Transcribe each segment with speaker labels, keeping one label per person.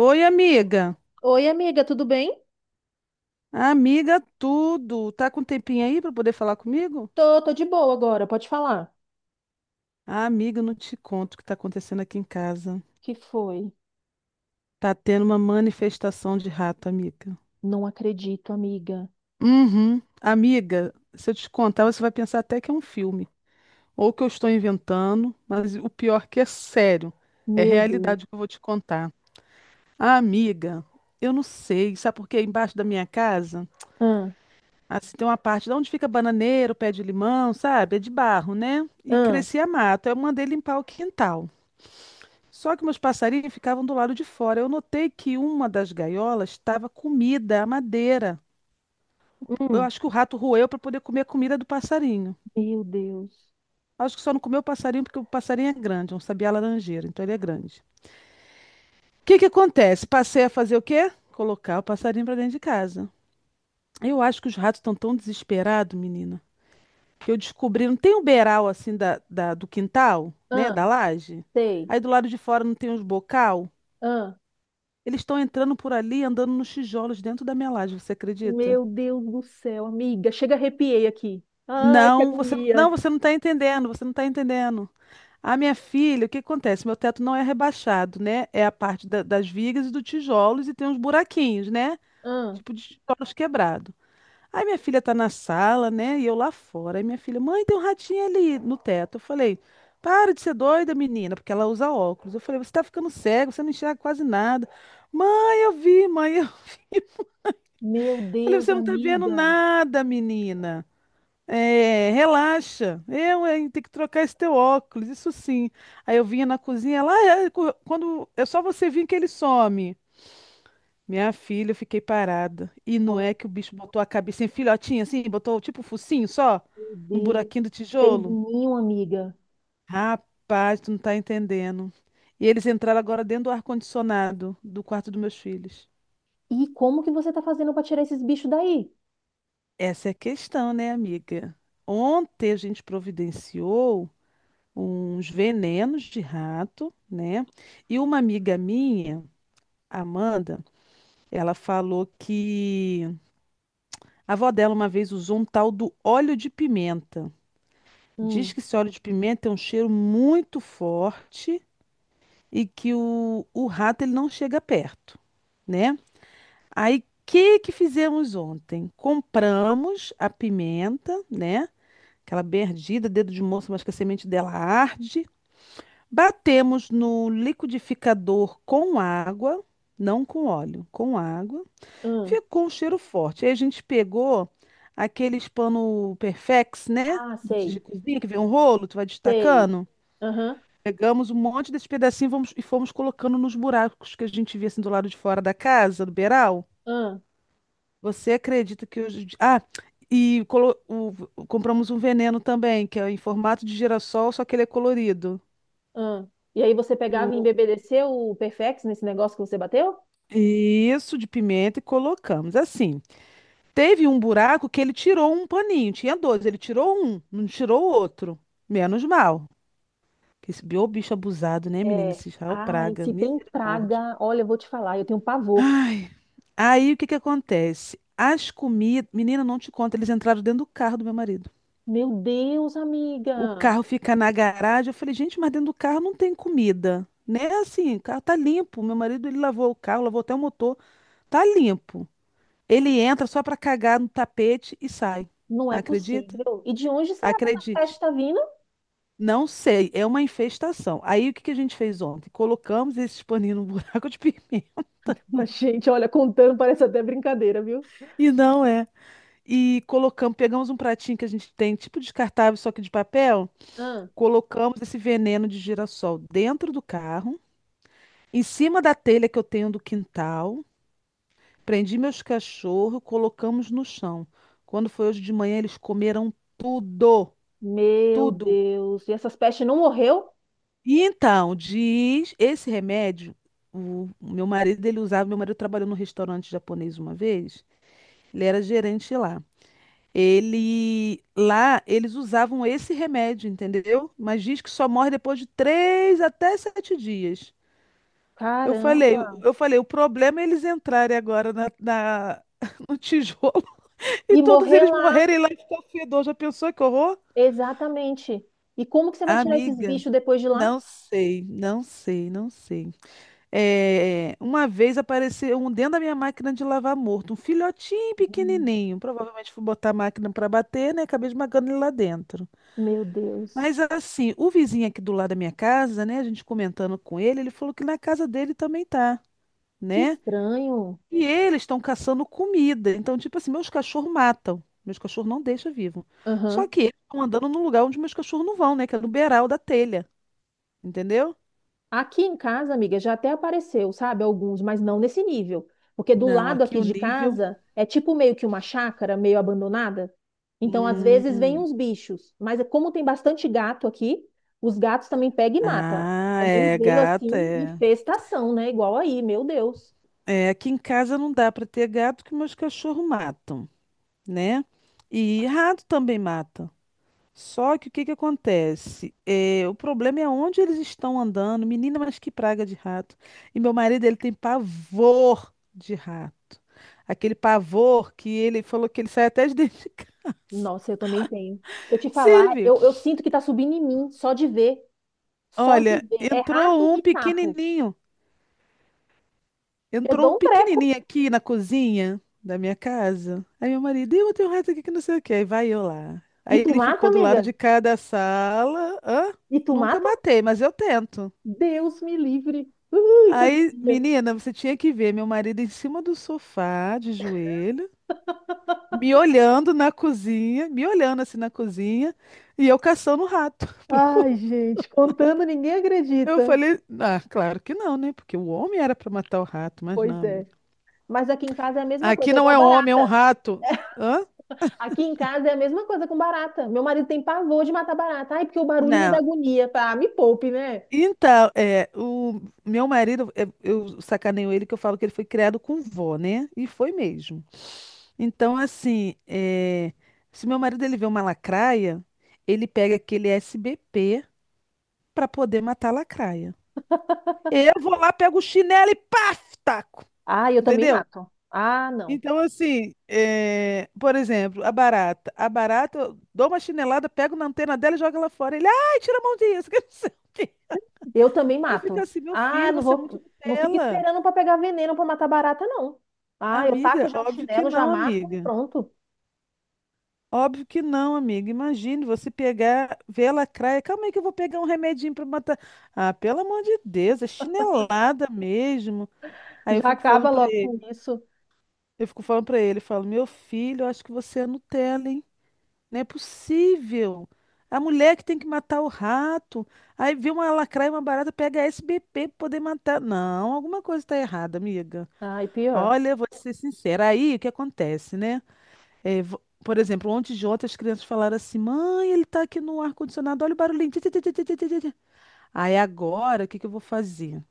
Speaker 1: Oi, amiga.
Speaker 2: Oi, amiga, tudo bem?
Speaker 1: Amiga, tudo. Tá com um tempinho aí para poder falar comigo?
Speaker 2: Tô de boa agora, pode falar.
Speaker 1: Ah, amiga, eu não te conto o que tá acontecendo aqui em casa.
Speaker 2: Que foi?
Speaker 1: Tá tendo uma manifestação de rato, amiga.
Speaker 2: Não acredito, amiga.
Speaker 1: Uhum. Amiga, se eu te contar, você vai pensar até que é um filme. Ou que eu estou inventando, mas o pior que é sério. É
Speaker 2: Meu Deus.
Speaker 1: realidade que eu vou te contar. Ah, amiga, eu não sei. Sabe por quê? Embaixo da minha casa.
Speaker 2: Ah,
Speaker 1: Assim, tem uma parte de onde fica bananeiro, pé de limão, sabe? É de barro, né? E
Speaker 2: ah,
Speaker 1: crescia mato. Eu mandei limpar o quintal. Só que meus passarinhos ficavam do lado de fora. Eu notei que uma das gaiolas estava comida, a madeira. Eu
Speaker 2: hum,
Speaker 1: acho que o rato roeu para poder comer a comida do passarinho.
Speaker 2: meu Deus.
Speaker 1: Acho que só não comeu o passarinho porque o passarinho é grande, é um sabiá laranjeira, então ele é grande. O que que acontece? Passei a fazer o quê? Colocar o passarinho para dentro de casa. Eu acho que os ratos estão tão desesperados, menina. Que eu descobri, não tem um beiral assim do quintal, né,
Speaker 2: Ah,
Speaker 1: da laje?
Speaker 2: sei.
Speaker 1: Aí do lado de fora não tem uns bocal?
Speaker 2: Ah,
Speaker 1: Eles estão entrando por ali, andando nos tijolos dentro da minha laje, você acredita?
Speaker 2: meu Deus do céu, amiga. Chega, arrepiei aqui. Ai, que
Speaker 1: Não, você não,
Speaker 2: agonia.
Speaker 1: você não está entendendo, você não está entendendo. A minha filha, o que acontece? Meu teto não é rebaixado, né? É a parte das vigas e dos tijolos e tem uns buraquinhos, né?
Speaker 2: Ah,
Speaker 1: Tipo de tijolos quebrados. Aí minha filha tá na sala, né? E eu lá fora. Aí minha filha, mãe, tem um ratinho ali no teto. Eu falei, para de ser doida, menina, porque ela usa óculos. Eu falei, você tá ficando cego, você não enxerga quase nada. Mãe, eu vi, mãe, eu vi.
Speaker 2: meu
Speaker 1: Eu Falei,
Speaker 2: Deus,
Speaker 1: você não tá vendo
Speaker 2: amiga.
Speaker 1: nada, menina. É, relaxa. Eu, hein, tenho que trocar esse teu óculos, isso sim. Aí eu vinha na cozinha lá, é, quando é só você vir que ele some. Minha filha, eu fiquei parada. E não
Speaker 2: Ah,
Speaker 1: é que o bicho botou a cabecinha filhotinha assim, botou tipo o focinho só
Speaker 2: meu
Speaker 1: no
Speaker 2: Deus.
Speaker 1: buraquinho do
Speaker 2: Fez
Speaker 1: tijolo?
Speaker 2: ninho, amiga.
Speaker 1: Rapaz, tu não tá entendendo. E eles entraram agora dentro do ar-condicionado do quarto dos meus filhos.
Speaker 2: E como que você tá fazendo pra tirar esses bichos daí?
Speaker 1: Essa é a questão, né, amiga? Ontem a gente providenciou uns venenos de rato, né? E uma amiga minha, Amanda, ela falou que a avó dela uma vez usou um tal do óleo de pimenta. Diz
Speaker 2: Hum,
Speaker 1: que esse óleo de pimenta tem um cheiro muito forte e que o rato ele não chega perto, né? Aí, o que que fizemos ontem? Compramos a pimenta, né? Aquela bem ardida, dedo de moça, mas que a semente dela arde. Batemos no liquidificador com água, não com óleo, com água.
Speaker 2: hum.
Speaker 1: Ficou um cheiro forte. Aí a gente pegou aqueles pano Perfex, né?
Speaker 2: Ah,
Speaker 1: De
Speaker 2: sei,
Speaker 1: cozinha que vem um rolo, tu vai
Speaker 2: sei.
Speaker 1: destacando.
Speaker 2: Aham,
Speaker 1: Pegamos um monte desse pedacinho e e fomos colocando nos buracos que a gente via assim do lado de fora da casa, do beiral.
Speaker 2: aham.
Speaker 1: Você acredita que hoje. Compramos um veneno também, que é em formato de girassol, só que ele é colorido.
Speaker 2: Ah, e aí você
Speaker 1: E
Speaker 2: pegava e
Speaker 1: o-
Speaker 2: embebedeceu o Perfex nesse negócio que você bateu?
Speaker 1: Isso, de pimenta, e colocamos. Assim, teve um buraco que ele tirou um paninho, tinha dois, ele tirou um, não tirou o outro. Menos mal. Que Esse ô bicho abusado, né, menina?
Speaker 2: É.
Speaker 1: Esse Israel
Speaker 2: Ai,
Speaker 1: Praga,
Speaker 2: se tem
Speaker 1: misericórdia.
Speaker 2: praga, olha, eu vou te falar, eu tenho pavor.
Speaker 1: Ai. Aí o que que acontece? As comidas. Menina, não te conta, eles entraram dentro do carro do meu marido.
Speaker 2: Meu Deus,
Speaker 1: O
Speaker 2: amiga,
Speaker 1: carro fica na garagem. Eu falei, gente, mas dentro do carro não tem comida. Né? Assim, o carro tá limpo. Meu marido, ele lavou o carro, lavou até o motor. Tá limpo. Ele entra só pra cagar no tapete e sai.
Speaker 2: não é
Speaker 1: Acredita?
Speaker 2: possível. E de onde será que essa peste
Speaker 1: Acredite.
Speaker 2: está vindo?
Speaker 1: Não sei, é uma infestação. Aí o que que a gente fez ontem? Colocamos esse paninho no buraco de pimenta.
Speaker 2: Mas, gente, olha, contando parece até brincadeira, viu?
Speaker 1: E não é. E colocamos, pegamos um pratinho que a gente tem, tipo descartável, só que de papel,
Speaker 2: Ah,
Speaker 1: colocamos esse veneno de girassol dentro do carro, em cima da telha que eu tenho do quintal, prendi meus cachorros, colocamos no chão. Quando foi hoje de manhã, eles comeram tudo,
Speaker 2: meu
Speaker 1: tudo.
Speaker 2: Deus, e essas pestes não morreu?
Speaker 1: E então, diz, esse remédio, o meu marido, ele usava, meu marido trabalhou num restaurante japonês uma vez, ele era gerente lá. Ele lá eles usavam esse remédio, entendeu? Mas diz que só morre depois de três até sete dias. Eu falei,
Speaker 2: Caramba.
Speaker 1: eu falei, o problema é eles entrarem agora na, no tijolo e
Speaker 2: E
Speaker 1: todos
Speaker 2: morrer
Speaker 1: eles
Speaker 2: lá,
Speaker 1: morrerem lá e ficar fedor. Já pensou que horror?
Speaker 2: exatamente. E como que você vai tirar esses
Speaker 1: Amiga,
Speaker 2: bichos depois de lá?
Speaker 1: não sei, não sei, não sei. É, uma vez apareceu um dentro da minha máquina de lavar morto, um filhotinho
Speaker 2: Hum.
Speaker 1: pequenininho. Provavelmente fui botar a máquina para bater, né? Acabei esmagando ele lá dentro.
Speaker 2: Meu Deus,
Speaker 1: Mas assim, o vizinho aqui do lado da minha casa, né, a gente comentando com ele, ele falou que na casa dele também tá,
Speaker 2: que
Speaker 1: né?
Speaker 2: estranho.
Speaker 1: E eles estão caçando comida. Então, tipo assim, meus cachorros matam. Meus cachorros não deixam vivo. Só
Speaker 2: Aham.
Speaker 1: que eles estão andando num lugar onde meus cachorros não vão, né? Que é no beiral da telha. Entendeu?
Speaker 2: Aqui em casa, amiga, já até apareceu, sabe? Alguns, mas não nesse nível. Porque do
Speaker 1: Não,
Speaker 2: lado
Speaker 1: aqui
Speaker 2: aqui
Speaker 1: o
Speaker 2: de
Speaker 1: nível.
Speaker 2: casa é tipo meio que uma chácara, meio abandonada. Então, às vezes, vem
Speaker 1: Hum.
Speaker 2: uns bichos. Mas é como tem bastante gato aqui, os gatos também pegam e matam.
Speaker 1: Ah,
Speaker 2: Mas não
Speaker 1: é,
Speaker 2: veio
Speaker 1: gato,
Speaker 2: assim
Speaker 1: é.
Speaker 2: infestação, né? Igual aí, meu Deus.
Speaker 1: É, aqui em casa não dá para ter gato que meus cachorros matam, né? E rato também mata. Só que o que que acontece? É, o problema é onde eles estão andando. Menina, mas que praga de rato. E meu marido, ele tem pavor de rato. Aquele pavor que ele falou que ele sai até de dentro de casa.
Speaker 2: Nossa, eu também tenho. Se eu te falar,
Speaker 1: Silvio,
Speaker 2: eu sinto que tá subindo em mim, só de ver. Só de
Speaker 1: olha,
Speaker 2: ver. É rato
Speaker 1: entrou um
Speaker 2: e sapo.
Speaker 1: pequenininho.
Speaker 2: Eu
Speaker 1: Entrou um
Speaker 2: dou um treco.
Speaker 1: pequenininho aqui na cozinha da minha casa. Aí meu marido, eu tenho um rato aqui que não sei o quê. Aí vai eu lá.
Speaker 2: E
Speaker 1: Aí
Speaker 2: tu
Speaker 1: ele
Speaker 2: mata,
Speaker 1: ficou do lado
Speaker 2: amiga?
Speaker 1: de cada sala. Hã?
Speaker 2: E tu
Speaker 1: Nunca
Speaker 2: mata?
Speaker 1: matei, mas eu tento.
Speaker 2: Deus me livre. Ui, que
Speaker 1: Aí,
Speaker 2: agonia.
Speaker 1: menina, você tinha que ver meu marido em cima do sofá, de joelho, me olhando na cozinha, me olhando assim na cozinha, e eu caçando o rato, procurando.
Speaker 2: Ai, gente, contando ninguém
Speaker 1: Eu
Speaker 2: acredita.
Speaker 1: falei, ah, claro que não, né? Porque o homem era para matar o rato, mas
Speaker 2: Pois
Speaker 1: não,
Speaker 2: é.
Speaker 1: amiga.
Speaker 2: Mas aqui em casa é a mesma
Speaker 1: Aqui
Speaker 2: coisa, é
Speaker 1: não
Speaker 2: igual
Speaker 1: é homem, é um
Speaker 2: barata.
Speaker 1: rato. Hã?
Speaker 2: Aqui em casa é a mesma coisa com barata. Meu marido tem pavor de matar barata. Ai, porque o barulho me dá
Speaker 1: Não.
Speaker 2: agonia. Ah, me poupe, né?
Speaker 1: Então, é, o meu marido, é, eu sacaneio ele que eu falo que ele foi criado com vó, né? E foi mesmo. Então, assim, é, se meu marido ele vê uma lacraia, ele pega aquele SBP para poder matar a lacraia. Eu vou lá, pego o chinelo e paf, taco.
Speaker 2: Ah, eu também
Speaker 1: Entendeu?
Speaker 2: mato. Ah, não.
Speaker 1: Então, assim, é, por exemplo, a barata. A barata, eu dou uma chinelada, pego na antena dela e jogo ela fora. Ele, ai, tira a mão disso, que não sei o quê.
Speaker 2: Eu também
Speaker 1: Eu fico
Speaker 2: mato.
Speaker 1: assim, meu
Speaker 2: Ah,
Speaker 1: filho,
Speaker 2: não
Speaker 1: você é muito
Speaker 2: vou. Não fica
Speaker 1: Nutella.
Speaker 2: esperando para pegar veneno para matar barata, não. Ah, eu taco
Speaker 1: Amiga,
Speaker 2: já o
Speaker 1: óbvio que
Speaker 2: chinelo, já
Speaker 1: não,
Speaker 2: mato e
Speaker 1: amiga.
Speaker 2: pronto.
Speaker 1: Óbvio que não, amiga. Imagine você pegar, ver a lacraia. Calma aí que eu vou pegar um remedinho para matar. Ah, pelo amor de Deus, é chinelada mesmo. Aí eu
Speaker 2: Já
Speaker 1: fico falando
Speaker 2: acaba
Speaker 1: para
Speaker 2: logo com
Speaker 1: ele,
Speaker 2: isso.
Speaker 1: eu fico falando para ele, eu falo, meu filho, eu acho que você é Nutella, hein? Não é possível. A mulher que tem que matar o rato. Aí vê uma lacraia, uma barata, pega a SBP para poder matar. Não, alguma coisa está errada, amiga.
Speaker 2: Ai, pior.
Speaker 1: Olha, vou ser sincera. Aí o que acontece, né? É, por exemplo, ontem de ontem as crianças falaram assim: mãe, ele tá aqui no ar-condicionado, olha o barulhinho. Ti, ti, ti, ti, ti, ti, ti, ti." Aí agora, o que que eu vou fazer?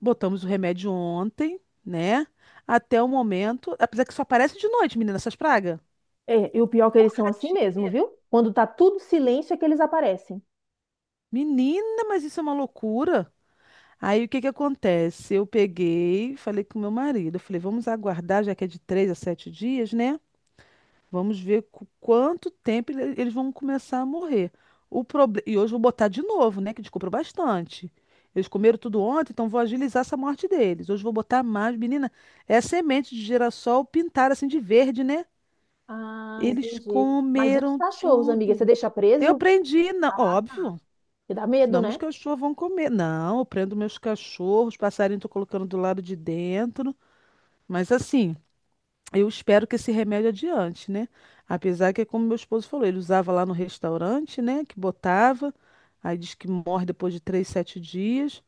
Speaker 1: Botamos o remédio ontem, né? Até o momento. Apesar que só aparece de noite, menina, essas pragas.
Speaker 2: É, e o pior é que eles são assim
Speaker 1: Tadinho,
Speaker 2: mesmo,
Speaker 1: meu.
Speaker 2: viu? Quando tá tudo silêncio é que eles aparecem.
Speaker 1: Menina, mas isso é uma loucura. Aí o que que acontece? Eu peguei, falei com meu marido, eu falei, vamos aguardar, já que é de três a sete dias, né? Vamos ver quanto tempo eles vão começar a morrer. O proble... E hoje eu vou botar de novo, né? Que descobriu bastante. Eles comeram tudo ontem, então vou agilizar essa morte deles. Hoje eu vou botar mais. Menina, é semente de girassol pintada assim de verde, né?
Speaker 2: Ah,
Speaker 1: Eles
Speaker 2: entendi. Mas e os
Speaker 1: comeram
Speaker 2: cachorros, amiga? Você
Speaker 1: tudo.
Speaker 2: deixa
Speaker 1: Eu
Speaker 2: preso?
Speaker 1: prendi, não,
Speaker 2: Ah, tá.
Speaker 1: óbvio.
Speaker 2: Que dá medo,
Speaker 1: Senão meus
Speaker 2: né?
Speaker 1: cachorros vão comer. Não, eu prendo meus cachorros, passarinho tô colocando do lado de dentro. Mas assim. Eu espero que esse remédio adiante, né? Apesar que é como meu esposo falou, ele usava lá no restaurante, né? Que botava, aí diz que morre depois de três, sete dias.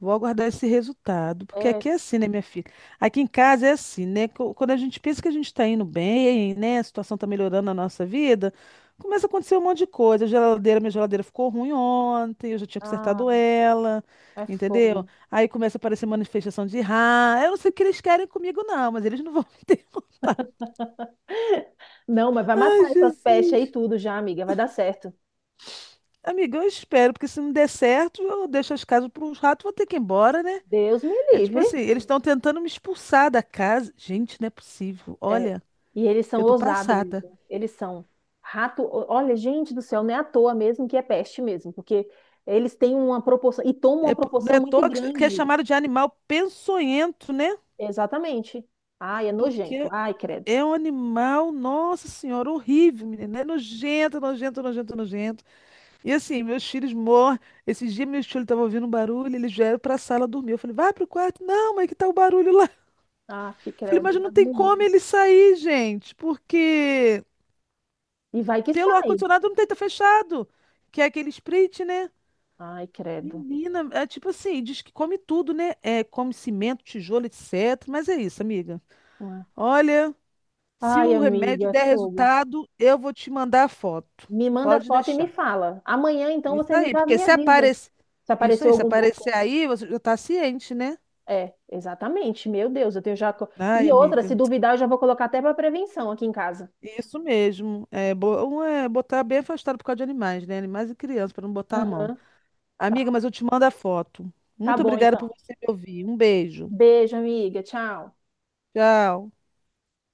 Speaker 1: Vou aguardar esse resultado, porque
Speaker 2: É,
Speaker 1: aqui é assim, né, minha filha? Aqui em casa é assim, né? Quando a gente pensa que a gente está indo bem, né? A situação está melhorando na nossa vida, começa a acontecer um monte de coisa. A geladeira, minha geladeira ficou ruim ontem, eu já tinha
Speaker 2: ah,
Speaker 1: consertado ela,
Speaker 2: é
Speaker 1: entendeu?
Speaker 2: fogo.
Speaker 1: Aí começa a aparecer manifestação de raiva. Eu não sei o que eles querem comigo, não, mas eles não vão me derrotar.
Speaker 2: Não, mas vai
Speaker 1: Ai,
Speaker 2: matar essas pestes aí
Speaker 1: Jesus.
Speaker 2: tudo já, amiga. Vai dar certo.
Speaker 1: Amiga, eu espero, porque se não der certo, eu deixo as casas para uns ratos, vou ter que ir embora, né?
Speaker 2: Deus me
Speaker 1: É tipo
Speaker 2: livre.
Speaker 1: assim, eles estão tentando me expulsar da casa. Gente, não é possível.
Speaker 2: É,
Speaker 1: Olha,
Speaker 2: e eles são
Speaker 1: eu tô
Speaker 2: ousados
Speaker 1: passada.
Speaker 2: mesmo. Eles são rato. Olha, gente do céu, não é à toa mesmo que é peste mesmo, porque eles têm uma proporção e tomam
Speaker 1: É,
Speaker 2: uma
Speaker 1: não é
Speaker 2: proporção
Speaker 1: à
Speaker 2: muito
Speaker 1: toa que é
Speaker 2: grande.
Speaker 1: chamado de animal peçonhento, né?
Speaker 2: Exatamente. Ai, é nojento.
Speaker 1: Porque
Speaker 2: Ai, credo.
Speaker 1: é um animal, nossa senhora, horrível, menina. É nojento, nojento, nojento, nojento. E assim, meus filhos morrem. Esses dias meus filhos estavam ouvindo um barulho, eles vieram para a sala dormir. Eu falei, vai pro quarto. Não, mas que tá o barulho lá?
Speaker 2: Aff,
Speaker 1: Falei,
Speaker 2: credo.
Speaker 1: mas
Speaker 2: Dá
Speaker 1: não tem
Speaker 2: agonia.
Speaker 1: como ele sair, gente, porque
Speaker 2: E vai que
Speaker 1: pelo
Speaker 2: sai.
Speaker 1: ar-condicionado não tem tá fechado, que é aquele sprit, né?
Speaker 2: Ai, credo.
Speaker 1: Menina, é tipo assim, diz que come tudo, né? É, come cimento, tijolo, etc. Mas é isso, amiga.
Speaker 2: Ué.
Speaker 1: Olha, se
Speaker 2: Ai,
Speaker 1: o remédio
Speaker 2: amiga,
Speaker 1: der
Speaker 2: fogo.
Speaker 1: resultado, eu vou te mandar a foto.
Speaker 2: Me manda
Speaker 1: Pode
Speaker 2: foto e me
Speaker 1: deixar.
Speaker 2: fala. Amanhã, então,
Speaker 1: Isso
Speaker 2: você me
Speaker 1: aí,
Speaker 2: dá a
Speaker 1: porque
Speaker 2: minha
Speaker 1: se
Speaker 2: vida.
Speaker 1: aparecer.
Speaker 2: Se
Speaker 1: Isso
Speaker 2: apareceu
Speaker 1: aí, se
Speaker 2: algum boca.
Speaker 1: aparecer aí, você já tá ciente, né?
Speaker 2: É, exatamente. Meu Deus, eu tenho já.
Speaker 1: Ai,
Speaker 2: E outra, se
Speaker 1: amiga.
Speaker 2: duvidar, eu já vou colocar até para prevenção aqui em casa.
Speaker 1: Isso mesmo. É, um é botar bem afastado por causa de animais, né? Animais e crianças, para não botar a mão.
Speaker 2: Aham,
Speaker 1: Amiga,
Speaker 2: tá.
Speaker 1: mas eu te mando a foto.
Speaker 2: Tá
Speaker 1: Muito
Speaker 2: bom,
Speaker 1: obrigada por
Speaker 2: então.
Speaker 1: você me ouvir. Um beijo.
Speaker 2: Beijo, amiga. Tchau.
Speaker 1: Tchau.